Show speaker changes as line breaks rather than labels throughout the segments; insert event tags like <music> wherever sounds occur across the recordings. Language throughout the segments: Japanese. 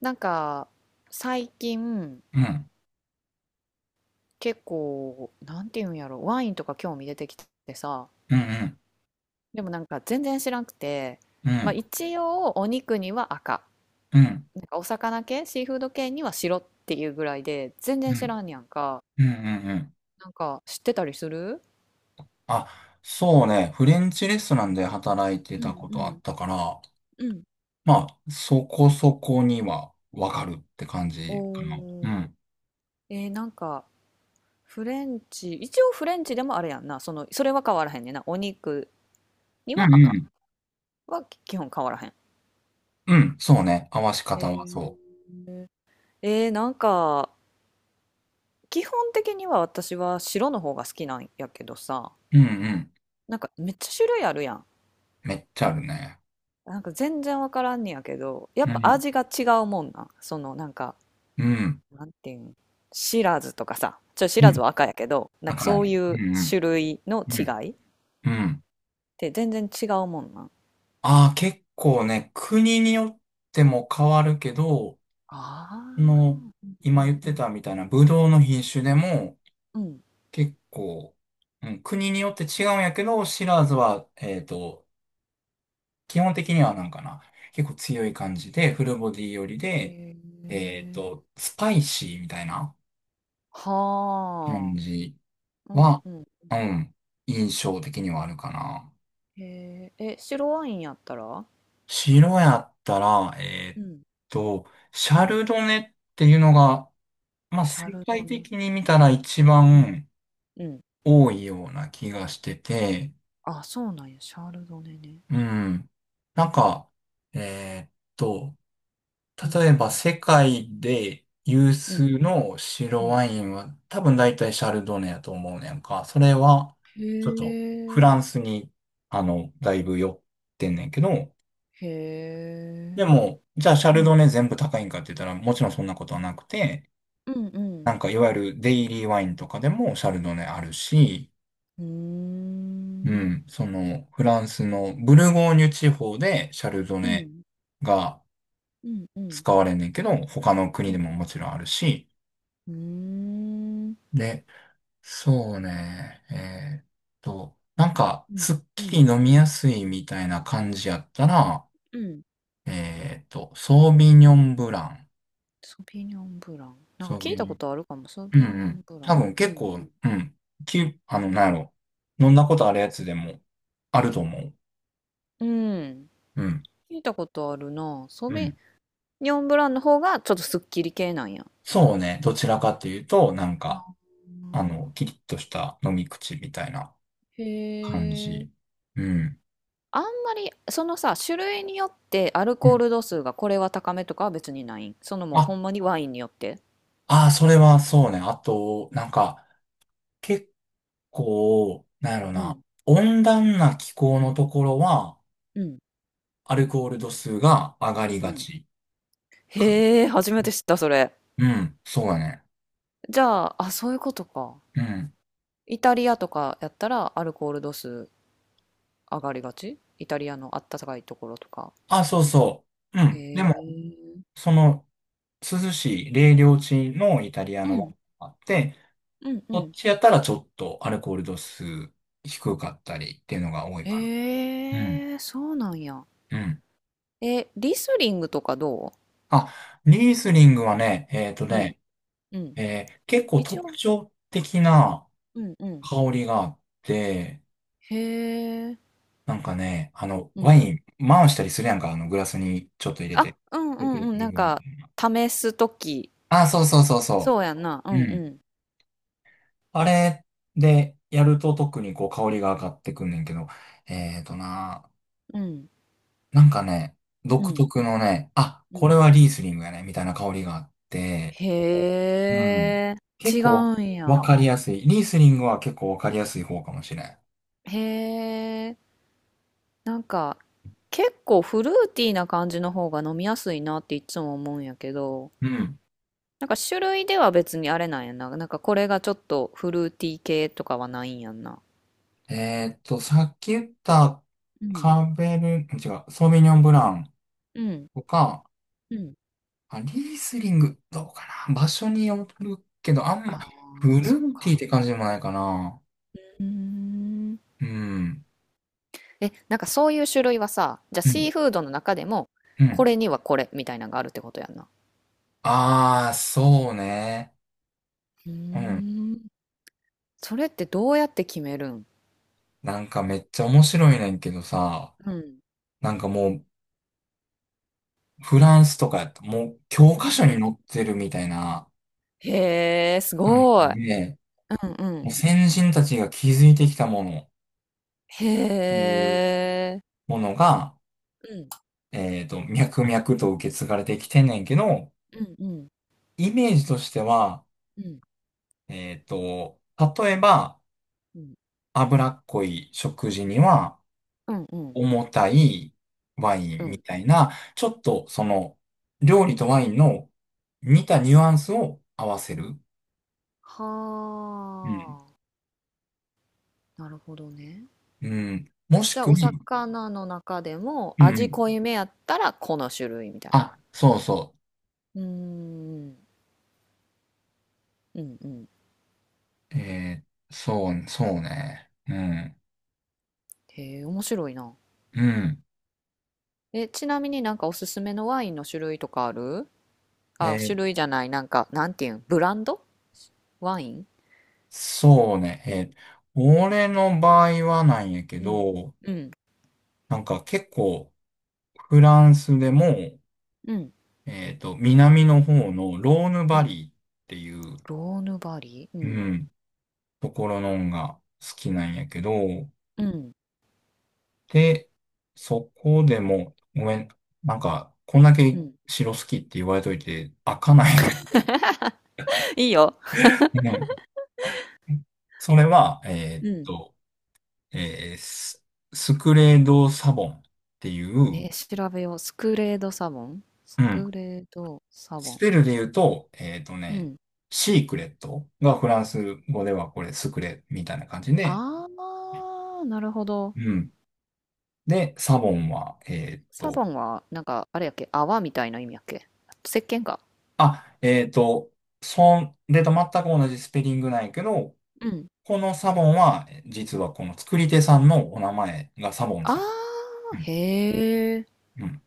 なんか最近
うん、
結構なんていうんやろ、ワインとか興味出てきてさ、
うん、
でもなんか全然知らなくて、
うん、う
まあ、
ん、
一応お肉には赤、
うん、
なんかお魚系シーフード系には白っていうぐらいで全然
う
知
ん、
らんやんか。
うん、うん。
なんか知ってたりする？
あ、そうね。フレンチレストランで働いて
う
た
ん
こ
う
とあっ
ん
たから、
うん。
まあ、そこそこにはわかるって感じか
お
な。う
ー。
ん、
なんか、フレンチ一応フレンチでもあれやんな、そのそれは変わらへんねんな。お肉に
うん、
は
う
赤
ん、
は基本変わらへん。
うん、そうね。合わし方
へ
はそ
ー。なんか基本的には私は白の方が好きなんやけどさ、
う。ん。
なんかめっちゃ種類あるやん。
めっちゃあるね。
なんか全然わからんねやけど、やっ
う
ぱ
ん、
味が違うもんなん。そのなんか、
うん、
なんていうん、シラズとかさ、シ
う
ラズ
ん。
は赤やけど、なん
だ
か
から
そう
ね。
い
う
う
ん、
種類の
う
違
ん、
いっ
うん、うん。
て全然違うもんなん。
ああ、結構ね、国によっても変わるけど、
ああ、
その、
う
今言
ん
っ
う
て
ん。
たみたいな、ブドウの品種でも、
うん。
結構、うん、国によって違うんやけど、シラーズは、基本的にはなんかな、結構強い感じで、フルボディ寄り
へ
で、
え。
スパイシーみたいな感
は
じ
あ。うん
は、
うん。
うん、印象的にはあるかな。
へえ。え、白ワインやったら、
白やったら、
うん
と、シャ
うん。
ルドネっていうのが、まあ、
シャ
世
ルド
界
ネ。
的に見たら一
うん。
番、
うん。
多いような気がしてて、
あ、そうなんや。シャルドネね。
う
シャ
ん。なんか、えーっと、
ルうん。
例えば世界で有
うん。
数の
う
白
ん。
ワインは多分大体シャルドネやと思うねんか。それは、
へ
ちょっとフラン
え。
スに、あの、だいぶ寄ってんねんけど、
へ
で
え。
も、じゃあシャ
う
ルド
ん。
ネ全部高いんかって言ったら、もちろんそんなことはなくて、
うんう
なん
ん。
かいわゆるデイリーワインとかでもシャルドネあるし、
うー
う
ん。
ん、その、フランスのブルゴーニュ地方でシャルド
う
ネ
ん。
が
うんうん。
使われんねんけど、他の
う
国で
ん。
ももちろんあるし、
うーん。
で、そうね、なんか、
うん。
すっ
う
きり
ん。
飲みやすいみたいな感じやったら、
うん。
ソービニョンブラン、
ソビニョンブラン。なん
ソ
か
ー
聞い
ビニ
た
ョ
こ
ン、
とあるかも。ソ
うん
ビニ
う
ョ
ん、
ンブラ
多
ン。
分
うん
結
う
構、
ん
う
うん。
ん、あの、なんやろ、飲んだことあるやつでもあると思う。
うん。
うん。
聞いたことあるな。ソ
う
ビ
ん
ニョンブランの方がちょっとすっきり系なんや。
そうね。どちらかというと、なんか、
う
あ
ん。
の、キリッとした飲み口みたいな
へ
感
え。
じ。うん
あんまりそのさ、種類によってアル
う
コー
ん
ル度数がこれは高めとかは別にないん、そのもう
あ、
ほんまにワインによって、
あー、それはそうね。あと、なんか、結構、なんやろ
う
な、
ん
温暖な気候のところは、
うん
アルコール度数が上がり
う
が
ん。
ちかな。
へえ、初めて知ったそれ。
うん、そうだね。
じゃあ、あ、そういうことか。
うん。
イタリアとかやったらアルコール度数上がりがち、イタリアのあったかいところとか。
あ、そうそう。う
へ
ん。でも、
え。
その、涼しい冷涼地のイタリア
う
のワ
ん
インがあって、
うん
こ
う
っ
ん。
ちやったらちょっとアルコール度数低かったりっていうのが多いかな。
へえ、そうなんや。
うん。
え、リスリングとかど
あ、リースリングはね、
う？うんうん、
結構
一応、
特徴的な
うんうん、
香りがあって、
へえ、
なんかね、あの、
う
ワ
ん。
イン回したりするやんか、あの、グラスにちょっと入れ
あ、
て。
うんう
レト
ん
ロフ
う
ィ
ん、
ル
なん
に
か、試すとき。
あ、そうそうそうそ
そうやんな。う
う。う
んう
ん。
ん。
あれでやると特にこう香りが上がってくんねんけど、えっとな、
うん。
なんかね、
う
独
ん。
特のね、あ、
う
これ
ん。
はリースリングやね、みたいな香りがあって、うん。
へえ。
結
違
構
うん
わ
や。
かりやすい。リースリングは結構わかりやすい方かもしれん。
へえ。なんか、結構フルーティーな感じの方が飲みやすいなっていつも思うんやけど、
うん。
なんか種類では別にあれなんやな。なんかこれがちょっとフルーティー系とかはないんやんな。
さっき言った
うん。
カーベル、違う、ソーヴィニョンブラン
うん。
とか、
うん。
あ、リースリング、どうかな。場所によるけど、あん
あ
ま、フ
あ、
ル
そっ
ーティーっ
か。
て感じでもないかな。
うーん。
うん。
え、なんかそういう種類はさ、じゃあ
う
シー
ん。
フードの中でも、
う
こ
ん。
れにはこれみたいなのがあるってことやんな。
あー、そうね。
うー
うん。
ん。それってどうやって決めるん？
なんかめっちゃ面白いねんけどさ、
うん。
なんかもう、フランスとかやった、もう教科書
うん
に
うん。
載ってるみたいな
へえ、す
なん
ごい。う
で、
んう
もう
ん。
先人たちが築いてきたものっ
へ
ていう
え。
ものが、
うん
脈々と受け継がれてきてんねんけど、
うんうん。
イメージとしては、
うん
えっと、例えば、
うん
脂っこい食事には
うんうん。
重たいワイ
う
ンみ
ん。
たいな、ちょっとその、料理とワインの似たニュアンスを合わせる。
は
うん。
あ。なるほどね。
うん。もし
じゃあ
く
お
は、
魚の中でも
うんう
味
ん。
濃いめやったらこの種類みたいな。
あ、そうそ
うーん。うんうん。
う。えーそう、そうね。うん。
へえ、面白いな。
うん。
え、ちなみになんかおすすめのワインの種類とかある？
え
あ、種
ー
類じゃない、なんか、なんていうん、ブランドワイン。
そうね。えー俺の場合はなんやけ
うん。
ど、
うん。
なんか結構フランスでも、
うん。
南の方のローヌ
う
バ
ん。
リーっていう、
ローヌバリー、う
う
ん。
ん、ところのんが好きなんやけど、
うん。
で、そこでも、ごめん、なんか、こんだ
う
け
ん。
城好きって言われといて、開かないんやけ
<laughs> いいよ。
どね。<laughs> それは、
うん。
えーススクレード・サボンっていう、
え、調べよう。スクレードサボン、ス
うん。
クレードサボ
ス
ン。
ペルで言うと、えっと
う
ね、
ん。
シークレットがフランス語ではこれスクレみたいな感じで、
あー、なるほど。
うん。で、サボンは、
サボンは、なんか、あれやっけ、泡みたいな意味やっけ、石鹸か。
あ、えっと、そんれと全く同じスペリングなんやけど、
うん。
このサボンは、実はこの作り手さんのお名前がサボン
あ
さん。
ー、
うん。
へー。
うん。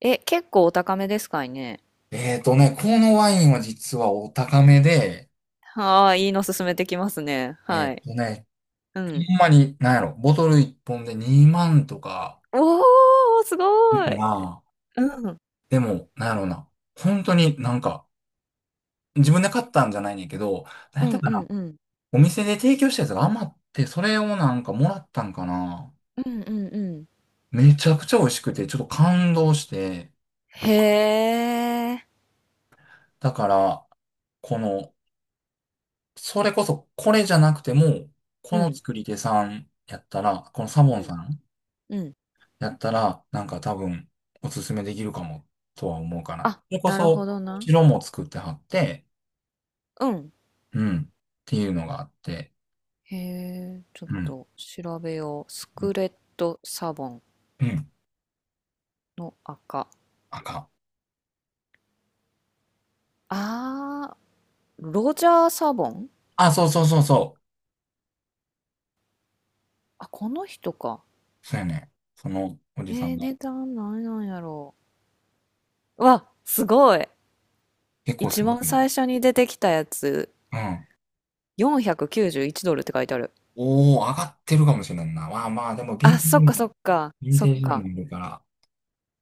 え、結構お高めですかいね？
えっとね、このワインは実はお高めで、
はあ、いいの勧めてきますね。
えっ
はい。
とね、
うん。
ほんまに、なんやろ、ボトル1本で2万とか、
おお、すご
ま
い。
あ、
うん。
でも、なんやろうな。本当になんか、自分で買ったんじゃないねんけど、なん
う
やった
ん
か
う
な。
んうん。
お店で提供したやつが余って、それをなんかもらったんかな。
うんうんうん。
めちゃくちゃ美味しくて、ちょっと感動して、
へえ。
だから、この、それこそこれじゃなくても、
う
この
ん。
作り手さんやったら、このサ
う
ボンさ
ん
ん
うん。
やったら、なんか多分、おすすめできるかも、とは思うかな。
あ、
それこ
なるほ
そ、
どな。
白も作ってはって、
うん。
うん、っていうのがあって、
へえ、ちょっ
うん。
と調べよう。ス
う
ク
ん
レットサボン
うん
の赤。
あか。
あー、ロジャーサボン。
あ、そうそうそうそ
あ、この人か。
う。そうやね。そのおじさんが。
値段何なんやろう。わ、すごい。
結構す
一
ご
番
いね。
最初に出てきたやつ。
うん。
491ドルって書いてある。
おー、上がってるかもしれんな。まあまあ、でも、
あ、そっかそっか。
ヴィン
そ
テ
っ
ージにも
か。
いるから。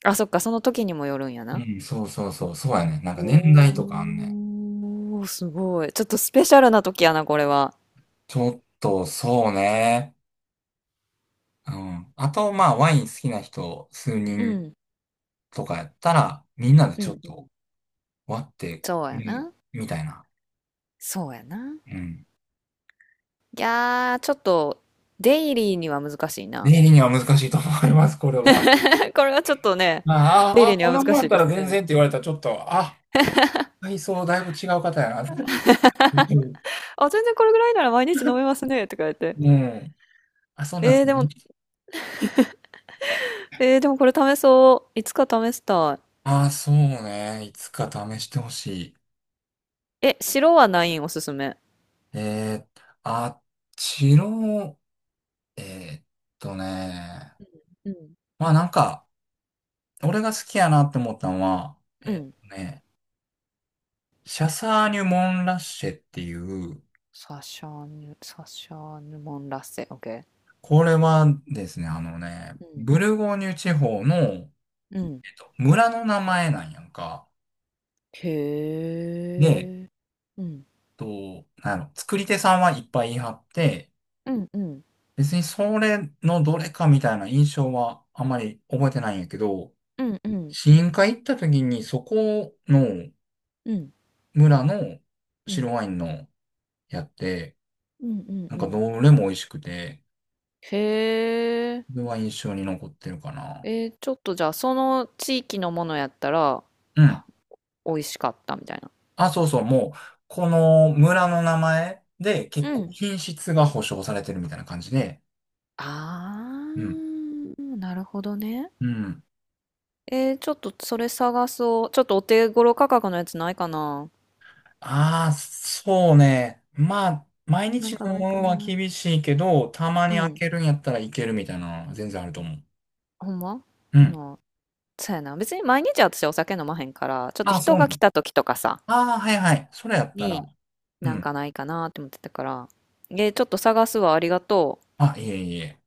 あ、そっか。その時にもよるんや
う
な。
ん、そうそうそう。そうやね。なんか年代とかあんね。
おー、すごい。ちょっとスペシャルな時やな、これは。
ちょっと、そうね。うん。あと、まあ、ワイン好きな人、数
う
人
ん、
とかやったら、みんなで
う
ちょっ
ん、うん。
と割って
そうや
入れ
な。
みたいな。
そうやな。
うん。
いやー、ちょっと、デイリーには難しいな。
例には難しいと思います、これは。
<laughs> これはちょっとね、
ま
デ
あ
イ
あ、
リ
あ
ーに
こん
は
な
難
もん
し
やっ
い
た
で
ら
す
全
ね。
然って言われたらちょっと、あ、体操だいぶ違う方やな。うん。
あ、全然これぐらいなら毎日飲めますね、って書って。
うんあ、そうなんで
えー、
すね。
でも、でもこれ試そう。いつか試した
あ、そうね。いつか試してほしい。
い。え、白はないん、おすすめ？
えー、あっちの、えーっね。
うん。
まあなんか、俺が好きやなって思ったのは、え
う
ーっ
ん。
とね、シャサーニュ・モン・ラッシェっていう、
サシャーヌ、サシャーヌ・モン・ラッセ、オッケ
これはですね、あのね、
ー。うん。
ブルゴーニュ地方の、
うん。
村の名前なんやんか。
へ
で、
え。うん。
なんやろ、作り手さんはいっぱい言い張って、
うんうん。
別にそれのどれかみたいな印象はあまり覚えてないんやけど、
うんうん。
試飲会行った時にそこの
うん。
村の
うん。
白ワインのやって、
うんうん
なん
う
か
ん。
どれも美味しくて、
へ
そ
え。
れは印象に残ってるかな。
えー、ちょっとじゃあ、その地域のものやったら
うん。
美味しかったみたいな。
あ、そうそう、もう、この村の名前で
う
結構
ん。
品質が保証されてるみたいな感じで、
あ
うん。
ー、なるほどね。
うん。
えー、ちょっとそれ探そう。ちょっとお手頃価格のやつないかな。
ああ、そうね。まあ、毎
な
日
んかないか
のは
な。
厳しいけど、たま
う
に開
ん。
けるんやったらいけるみたいなのは全然あると思う。
ほんま
うん。
なあ、そうやな。別に毎日私お酒飲まへんから、ちょっと
ああ、そ
人
う
が
ね。
来た時とかさ、
ああ、はいはい。それやったら。
に、
う
なんか
ん。
ないかなって思ってたから、ちょっと探すわ、ありがとう。
あ、いえいえ。